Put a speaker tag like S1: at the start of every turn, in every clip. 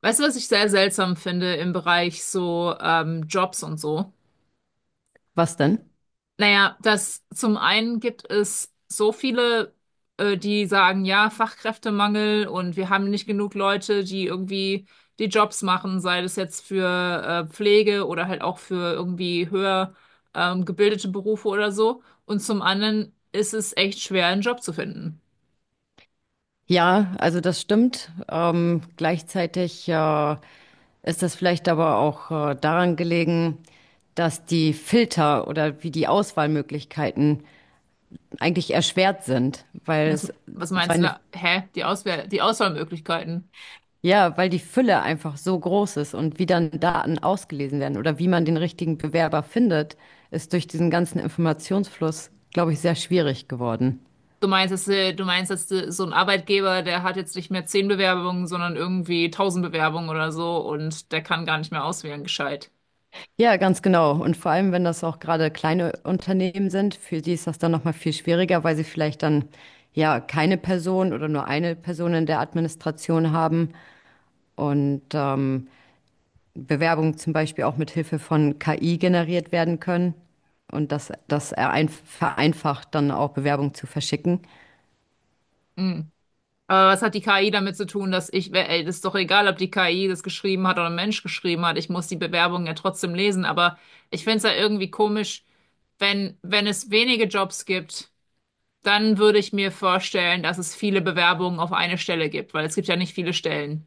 S1: Weißt du, was ich sehr seltsam finde im Bereich so Jobs und so?
S2: Was denn?
S1: Naja, dass zum einen gibt es so viele, die sagen, ja, Fachkräftemangel und wir haben nicht genug Leute, die irgendwie die Jobs machen, sei das jetzt für Pflege oder halt auch für irgendwie höher gebildete Berufe oder so. Und zum anderen ist es echt schwer, einen Job zu finden.
S2: Ja, also das stimmt. Gleichzeitig ist das vielleicht aber auch daran gelegen, dass die Filter oder wie die Auswahlmöglichkeiten eigentlich erschwert sind, weil
S1: Das,
S2: es
S1: was meinst du
S2: seine,
S1: da? Hä? Die Auswahl, die Auswahlmöglichkeiten.
S2: ja, weil die Fülle einfach so groß ist und wie dann Daten ausgelesen werden oder wie man den richtigen Bewerber findet, ist durch diesen ganzen Informationsfluss, glaube ich, sehr schwierig geworden.
S1: Du meinst, dass so ein Arbeitgeber, der hat jetzt nicht mehr zehn Bewerbungen, sondern irgendwie tausend Bewerbungen oder so und der kann gar nicht mehr auswählen, gescheit.
S2: Ja, ganz genau. Und vor allem, wenn das auch gerade kleine Unternehmen sind, für die ist das dann nochmal viel schwieriger, weil sie vielleicht dann ja keine Person oder nur eine Person in der Administration haben und Bewerbungen zum Beispiel auch mit Hilfe von KI generiert werden können. Und vereinfacht dann auch Bewerbungen zu verschicken.
S1: Hm. Aber was hat die KI damit zu tun, dass ich, ey, das ist doch egal, ob die KI das geschrieben hat oder ein Mensch geschrieben hat, ich muss die Bewerbungen ja trotzdem lesen, aber ich finde es ja irgendwie komisch, wenn es wenige Jobs gibt, dann würde ich mir vorstellen, dass es viele Bewerbungen auf eine Stelle gibt, weil es gibt ja nicht viele Stellen.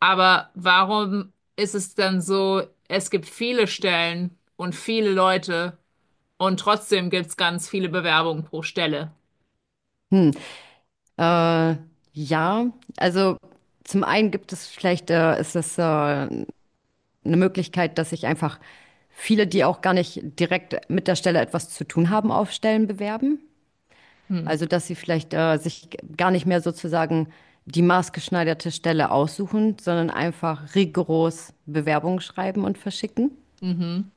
S1: Aber warum ist es dann so, es gibt viele Stellen und viele Leute und trotzdem gibt es ganz viele Bewerbungen pro Stelle?
S2: Hm. Äh, ja, also zum einen gibt es vielleicht, ist das eine Möglichkeit, dass sich einfach viele, die auch gar nicht direkt mit der Stelle etwas zu tun haben, auf Stellen bewerben.
S1: Hm.
S2: Also dass sie vielleicht sich gar nicht mehr sozusagen die maßgeschneiderte Stelle aussuchen, sondern einfach rigoros Bewerbungen schreiben und verschicken.
S1: Mhm.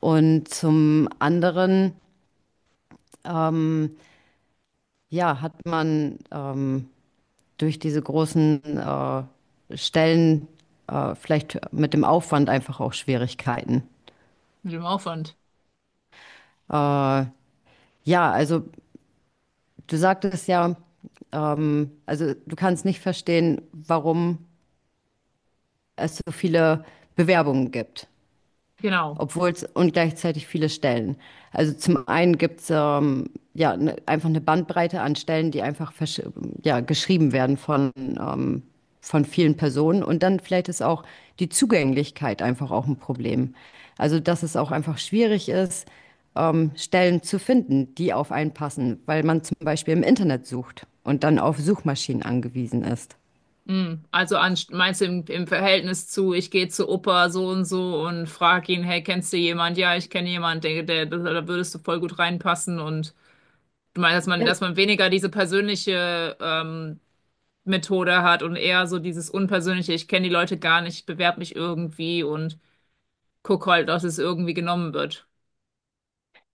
S2: Und zum anderen, ja, hat man durch diese großen Stellen vielleicht mit dem Aufwand einfach auch Schwierigkeiten.
S1: Mit dem Aufwand.
S2: Ja, also du sagtest ja, also du kannst nicht verstehen, warum es so viele Bewerbungen gibt,
S1: Genau.
S2: obwohl es und gleichzeitig viele Stellen. Also zum einen gibt es ja ne, einfach eine Bandbreite an Stellen, die einfach ja, geschrieben werden von vielen Personen. Und dann vielleicht ist auch die Zugänglichkeit einfach auch ein Problem. Also dass es auch einfach schwierig ist, Stellen zu finden, die auf einen passen, weil man zum Beispiel im Internet sucht und dann auf Suchmaschinen angewiesen ist.
S1: Hm. Also an, meinst du im Verhältnis zu, ich gehe zu Opa so und so und frage ihn, hey, kennst du jemand? Ja, ich kenne jemand, da würdest du voll gut reinpassen und du meinst, dass man weniger diese persönliche Methode hat und eher so dieses unpersönliche, ich kenne die Leute gar nicht, ich bewerbe mich irgendwie und guck halt, dass es irgendwie genommen wird.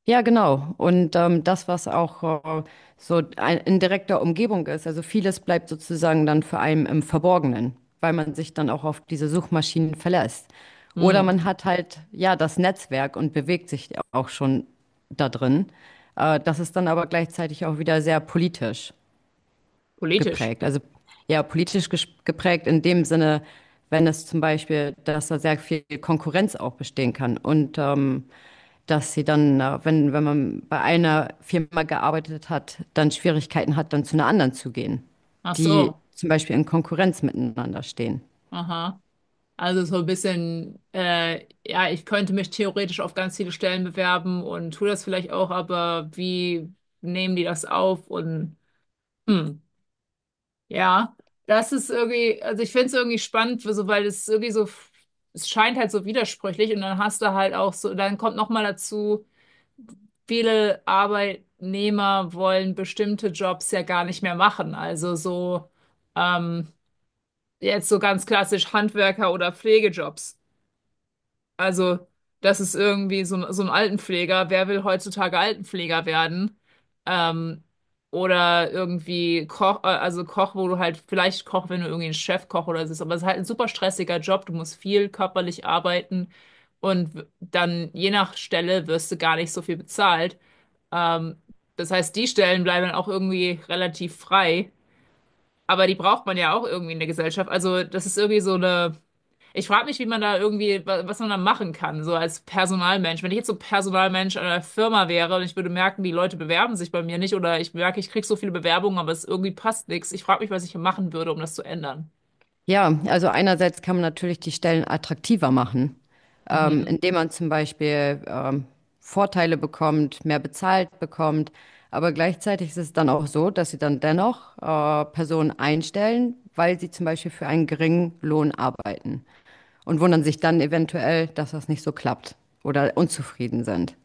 S2: Ja, genau. Und das, was auch so ein, in direkter Umgebung ist, also vieles bleibt sozusagen dann für einen im Verborgenen, weil man sich dann auch auf diese Suchmaschinen verlässt. Oder
S1: Hm,
S2: man hat halt, ja, das Netzwerk und bewegt sich auch schon da drin. Das ist dann aber gleichzeitig auch wieder sehr politisch
S1: politisch.
S2: geprägt. Also ja, politisch geprägt in dem Sinne, wenn es zum Beispiel, dass da sehr viel Konkurrenz auch bestehen kann und dass sie dann, wenn, wenn man bei einer Firma gearbeitet hat, dann Schwierigkeiten hat, dann zu einer anderen zu gehen,
S1: Ach
S2: die
S1: so.
S2: zum Beispiel in Konkurrenz miteinander stehen.
S1: Aha. Also so ein bisschen, ja, ich könnte mich theoretisch auf ganz viele Stellen bewerben und tue das vielleicht auch, aber wie nehmen die das auf? Und hm, ja, das ist irgendwie, also ich finde es irgendwie spannend, so, weil es irgendwie so, es scheint halt so widersprüchlich und dann hast du halt auch so, dann kommt noch mal dazu, viele Arbeitnehmer wollen bestimmte Jobs ja gar nicht mehr machen. Also so ähm, jetzt so ganz klassisch Handwerker oder Pflegejobs. Also, das ist irgendwie so, so ein Altenpfleger. Wer will heutzutage Altenpfleger werden? Ähm, oder irgendwie Koch, also Koch, wo du halt vielleicht Koch, wenn du irgendwie ein Chefkoch oder so bist. Aber es ist halt ein super stressiger Job. Du musst viel körperlich arbeiten und dann je nach Stelle wirst du gar nicht so viel bezahlt. Ähm, Das heißt, die Stellen bleiben dann auch irgendwie relativ frei. Aber die braucht man ja auch irgendwie in der Gesellschaft. Also, das ist irgendwie so eine. Ich frage mich, wie man da irgendwie, was man da machen kann, so als Personalmensch. Wenn ich jetzt so Personalmensch einer Firma wäre und ich würde merken, die Leute bewerben sich bei mir nicht oder ich merke, ich kriege so viele Bewerbungen, aber es irgendwie passt nichts. Ich frage mich, was ich hier machen würde, um das zu ändern.
S2: Ja, also einerseits kann man natürlich die Stellen attraktiver machen, indem man zum Beispiel Vorteile bekommt, mehr bezahlt bekommt. Aber gleichzeitig ist es dann auch so, dass sie dann dennoch Personen einstellen, weil sie zum Beispiel für einen geringen Lohn arbeiten und wundern sich dann eventuell, dass das nicht so klappt oder unzufrieden sind.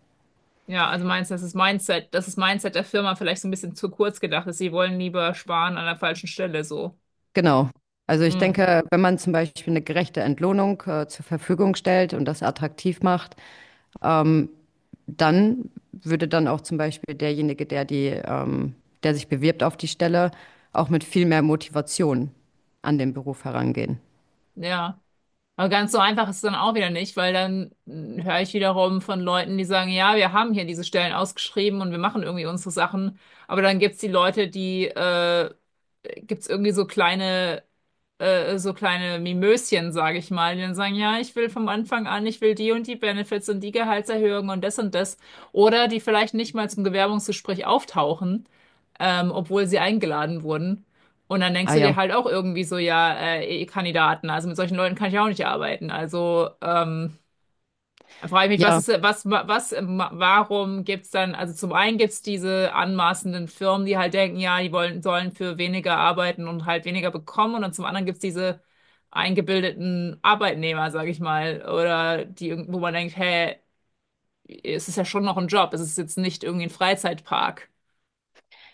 S1: Ja, also meinst du, dass das ist Mindset der Firma vielleicht so ein bisschen zu kurz gedacht ist. Sie wollen lieber sparen an der falschen Stelle, so.
S2: Genau. Also ich
S1: Hm.
S2: denke, wenn man zum Beispiel eine gerechte Entlohnung zur Verfügung stellt und das attraktiv macht, ähm, dann würde dann auch zum Beispiel derjenige, der die, der sich bewirbt auf die Stelle, auch mit viel mehr Motivation an den Beruf herangehen.
S1: Ja. Aber ganz so einfach ist es dann auch wieder nicht, weil dann mh, höre ich wiederum von Leuten, die sagen, ja, wir haben hier diese Stellen ausgeschrieben und wir machen irgendwie unsere Sachen. Aber dann gibt's die Leute, die gibt's irgendwie so kleine Mimöschen, sage ich mal, die dann sagen, ja, ich will vom Anfang an, ich will die und die Benefits und die Gehaltserhöhungen und das und das. Oder die vielleicht nicht mal zum Bewerbungsgespräch auftauchen, obwohl sie eingeladen wurden. Und dann denkst
S2: Ah
S1: du dir
S2: ja,
S1: halt auch irgendwie so, ja, Kandidaten, also mit solchen Leuten kann ich auch nicht arbeiten. Also dann frage ich mich,
S2: ja,
S1: was, warum gibt's dann, also zum einen gibt's diese anmaßenden Firmen, die halt denken, ja, die wollen, sollen für weniger arbeiten und halt weniger bekommen. Und dann zum anderen gibt's diese eingebildeten Arbeitnehmer, sage ich mal, oder die, wo man denkt, hey, es ist ja schon noch ein Job, es ist jetzt nicht irgendwie ein Freizeitpark.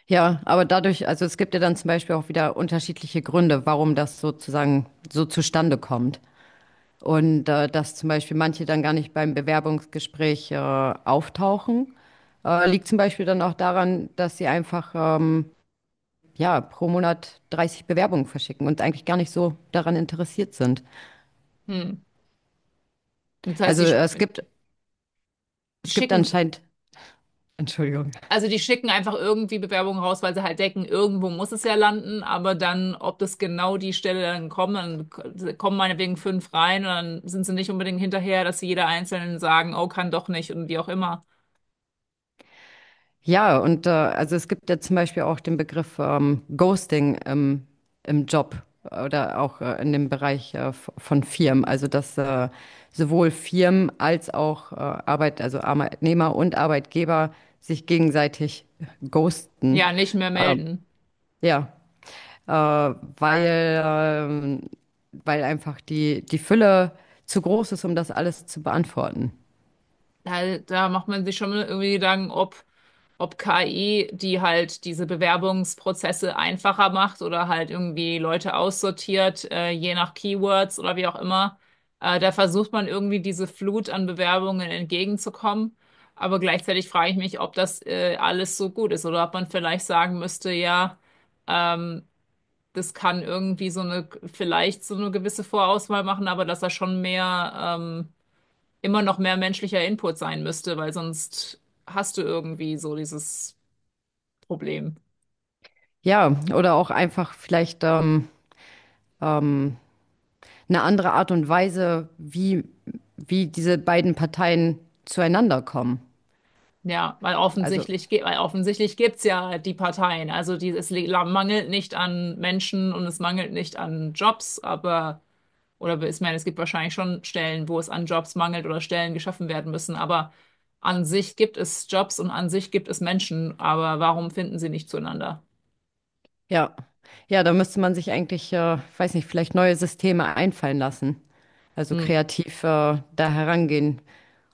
S2: ja, aber dadurch, also es gibt ja dann zum Beispiel auch wieder unterschiedliche Gründe, warum das sozusagen so zustande kommt. Und dass zum Beispiel manche dann gar nicht beim Bewerbungsgespräch auftauchen, liegt zum Beispiel dann auch daran, dass sie einfach ja, pro Monat 30 Bewerbungen verschicken und eigentlich gar nicht so daran interessiert sind.
S1: Hm. Das heißt,
S2: Also
S1: die
S2: es gibt
S1: schicken,
S2: anscheinend, Entschuldigung.
S1: also die schicken einfach irgendwie Bewerbungen raus, weil sie halt denken, irgendwo muss es ja landen, aber dann, ob das genau die Stelle dann kommt, dann kommen meinetwegen fünf rein und dann sind sie nicht unbedingt hinterher, dass sie jeder Einzelnen sagen, oh, kann doch nicht und wie auch immer.
S2: Ja, und also es gibt ja zum Beispiel auch den Begriff Ghosting im Job oder auch in dem Bereich von Firmen. Also dass sowohl Firmen als auch Arbeit, also Arbeitnehmer und Arbeitgeber sich gegenseitig ghosten.
S1: Ja, nicht mehr
S2: Ähm,
S1: melden.
S2: ja, weil weil einfach die Fülle zu groß ist, um das alles zu beantworten.
S1: Da macht man sich schon irgendwie Gedanken, ob KI, die halt diese Bewerbungsprozesse einfacher macht oder halt irgendwie Leute aussortiert, je nach Keywords oder wie auch immer. Da versucht man irgendwie diese Flut an Bewerbungen entgegenzukommen. Aber gleichzeitig frage ich mich, ob das alles so gut ist oder ob man vielleicht sagen müsste, ja, ähm, das kann irgendwie so eine, vielleicht so eine gewisse Vorauswahl machen, aber dass da schon mehr, immer noch mehr menschlicher Input sein müsste, weil sonst hast du irgendwie so dieses Problem.
S2: Ja, oder auch einfach vielleicht ähm, eine andere Art und Weise, wie diese beiden Parteien zueinander kommen.
S1: Ja, weil
S2: Also,
S1: offensichtlich, gibt es ja die Parteien. Also die, es mangelt nicht an Menschen und es mangelt nicht an Jobs, aber, oder ich meine, es gibt wahrscheinlich schon Stellen, wo es an Jobs mangelt oder Stellen geschaffen werden müssen, aber an sich gibt es Jobs und an sich gibt es Menschen, aber warum finden sie nicht zueinander?
S2: ja. Ja, da müsste man sich eigentlich, weiß nicht, vielleicht neue Systeme einfallen lassen. Also
S1: Hm.
S2: kreativ da herangehen,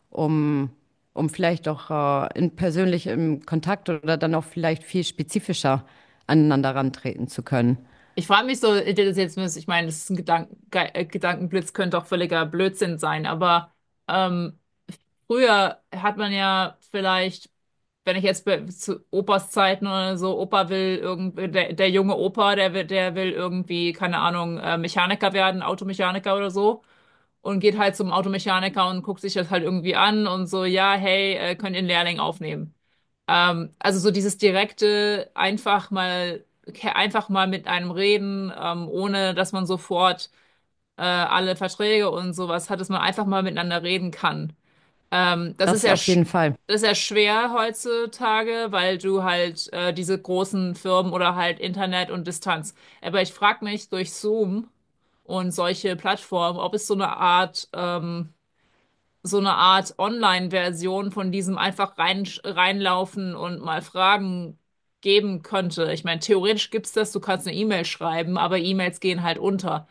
S2: um, um vielleicht auch in persönlich im Kontakt oder dann auch vielleicht viel spezifischer aneinander rantreten zu können.
S1: Ich frage mich so, das ist jetzt, ich meine, das ist ein Gedanken, Gedankenblitz könnte auch völliger Blödsinn sein, aber ähm, früher hat man ja vielleicht, wenn ich jetzt zu Opas Zeiten oder so, Opa will irgendwie, der junge Opa, der will irgendwie, keine Ahnung, Mechaniker werden, Automechaniker oder so. Und geht halt zum Automechaniker und guckt sich das halt irgendwie an und so, ja, hey, könnt ihr einen Lehrling aufnehmen. Also so dieses direkte, einfach mal mit einem reden, ohne dass man sofort alle Verträge und sowas hat, dass man einfach mal miteinander reden kann. Ähm, das ist
S2: Das
S1: ja,
S2: auf
S1: sch
S2: jeden Fall.
S1: Das ist ja schwer heutzutage, weil du halt diese großen Firmen oder halt Internet und Distanz. Aber ich frage mich durch Zoom und solche Plattformen, ob es so eine Art Online-Version von diesem reinlaufen und mal fragen geben könnte. Ich meine, theoretisch gibt's das, du kannst eine E-Mail schreiben, aber E-Mails gehen halt unter.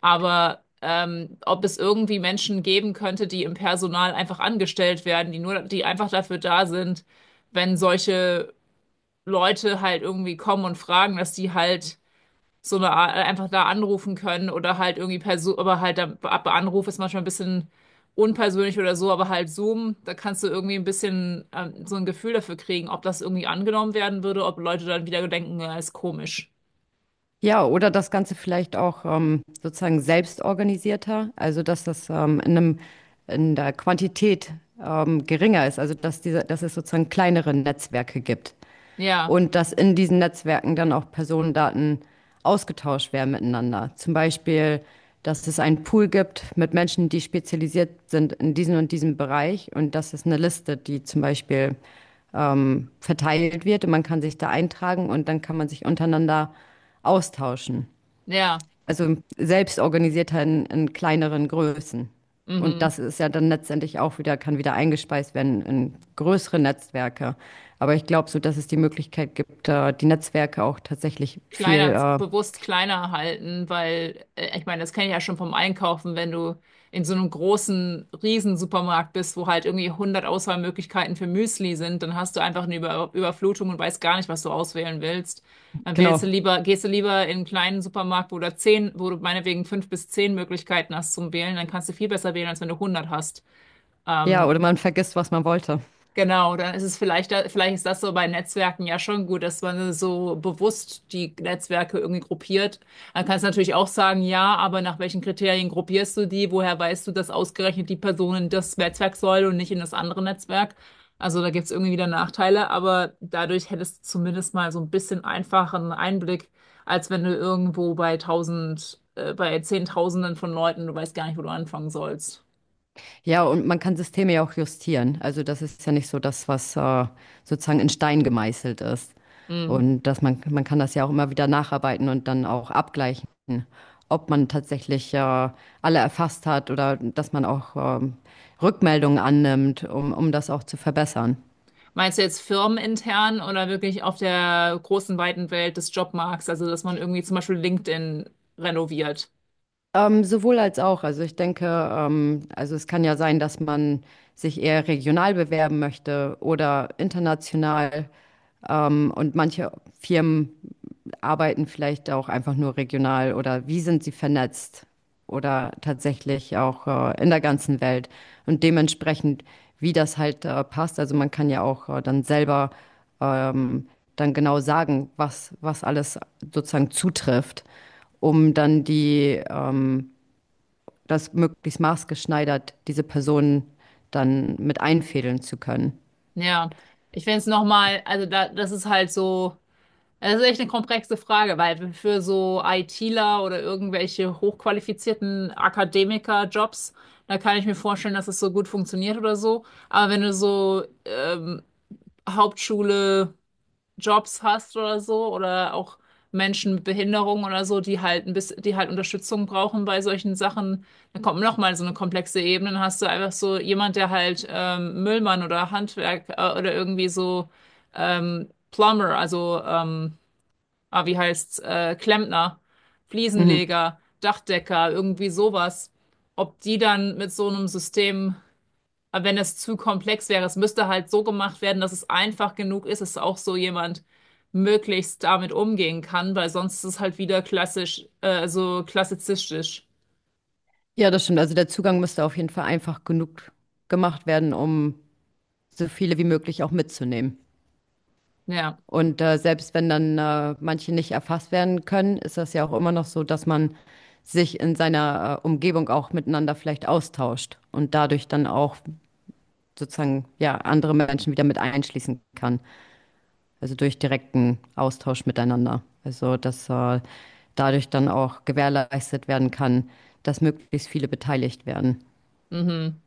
S1: Aber ob es irgendwie Menschen geben könnte, die im Personal einfach angestellt werden, die einfach dafür da sind, wenn solche Leute halt irgendwie kommen und fragen, dass die halt so eine Art, einfach da anrufen können oder halt irgendwie per Zoom, aber halt ab Anruf ist manchmal ein bisschen unpersönlich oder so, aber halt Zoom, da kannst du irgendwie ein bisschen so ein Gefühl dafür kriegen, ob das irgendwie angenommen werden würde, ob Leute dann wieder denken, ja, ist komisch.
S2: Ja, oder das Ganze vielleicht auch sozusagen selbst organisierter, also dass das in einem, in der Quantität geringer ist, also dass diese, dass es sozusagen kleinere Netzwerke gibt
S1: Ja,
S2: und dass in diesen Netzwerken dann auch Personendaten ausgetauscht werden miteinander. Zum Beispiel, dass es einen Pool gibt mit Menschen, die spezialisiert sind in diesem und diesem Bereich und das ist eine Liste, die zum Beispiel verteilt wird und man kann sich da eintragen und dann kann man sich untereinander austauschen.
S1: ja,
S2: Also selbst organisiert in kleineren Größen. Und
S1: mhm.
S2: das ist ja dann letztendlich auch wieder, kann wieder eingespeist werden in größere Netzwerke. Aber ich glaube so, dass es die Möglichkeit gibt, die Netzwerke auch tatsächlich viel,
S1: Kleiner, bewusst kleiner halten, weil ich meine, das kenne ich ja schon vom Einkaufen, wenn du in so einem großen riesen Supermarkt bist, wo halt irgendwie hundert Auswahlmöglichkeiten für Müsli sind, dann hast du einfach eine Überflutung und weißt gar nicht, was du auswählen willst. Dann wählst du
S2: genau,
S1: lieber, gehst du lieber in einen kleinen Supermarkt, wo du meinetwegen fünf bis zehn Möglichkeiten hast zum Wählen, dann kannst du viel besser wählen, als wenn du hundert hast.
S2: ja,
S1: Ähm,
S2: oder man vergisst, was man wollte.
S1: Genau, dann ist es vielleicht, vielleicht ist das so bei Netzwerken ja schon gut, dass man so bewusst die Netzwerke irgendwie gruppiert. Dann kannst du natürlich auch sagen, ja, aber nach welchen Kriterien gruppierst du die? Woher weißt du, dass ausgerechnet die Person in das Netzwerk soll und nicht in das andere Netzwerk? Also da gibt es irgendwie wieder Nachteile, aber dadurch hättest du zumindest mal so ein bisschen einfacheren Einblick, als wenn du irgendwo bei tausend, bei Zehntausenden von Leuten, du weißt gar nicht, wo du anfangen sollst.
S2: Ja, und man kann Systeme ja auch justieren. Also das ist ja nicht so das, was sozusagen in Stein gemeißelt ist.
S1: Hm.
S2: Und dass man kann das ja auch immer wieder nacharbeiten und dann auch abgleichen, ob man tatsächlich alle erfasst hat oder dass man auch Rückmeldungen annimmt, um das auch zu verbessern.
S1: Meinst du jetzt firmenintern oder wirklich auf der großen, weiten Welt des Jobmarkts? Also, dass man irgendwie zum Beispiel LinkedIn renoviert.
S2: Sowohl als auch. Also ich denke, also es kann ja sein, dass man sich eher regional bewerben möchte oder international. Und manche Firmen arbeiten vielleicht auch einfach nur regional oder wie sind sie vernetzt oder tatsächlich auch in der ganzen Welt und dementsprechend, wie das halt passt. Also man kann ja auch dann selber ähm, dann genau sagen, was, was alles sozusagen zutrifft, um dann die, das möglichst maßgeschneidert diese Personen dann mit einfädeln zu können.
S1: Ja, ich finde es nochmal, also da, das ist halt so, das ist echt eine komplexe Frage, weil für so ITler oder irgendwelche hochqualifizierten Akademiker-Jobs, da kann ich mir vorstellen, dass es so gut funktioniert oder so. Aber wenn du so Hauptschule Jobs hast oder so oder auch Menschen mit Behinderung oder so, die halt ein bisschen, die halt Unterstützung brauchen bei solchen Sachen, dann kommt noch mal so eine komplexe Ebene, dann hast du einfach so jemand, der halt Müllmann oder Handwerk oder irgendwie so Plumber, also Klempner,
S2: Mhm.
S1: Fliesenleger, Dachdecker, irgendwie sowas, ob die dann mit so einem System, aber wenn es zu komplex wäre, es müsste halt so gemacht werden, dass es einfach genug ist, dass auch so jemand möglichst damit umgehen kann, weil sonst ist es halt wieder klassisch, so klassizistisch.
S2: Ja, das stimmt. Also der Zugang müsste auf jeden Fall einfach genug gemacht werden, um so viele wie möglich auch mitzunehmen.
S1: Ja,
S2: Und selbst wenn dann manche nicht erfasst werden können, ist das ja auch immer noch so, dass man sich in seiner Umgebung auch miteinander vielleicht austauscht und dadurch dann auch sozusagen ja andere Menschen wieder mit einschließen kann. Also durch direkten Austausch miteinander. Also dass dadurch dann auch gewährleistet werden kann, dass möglichst viele beteiligt werden.
S1: mhm.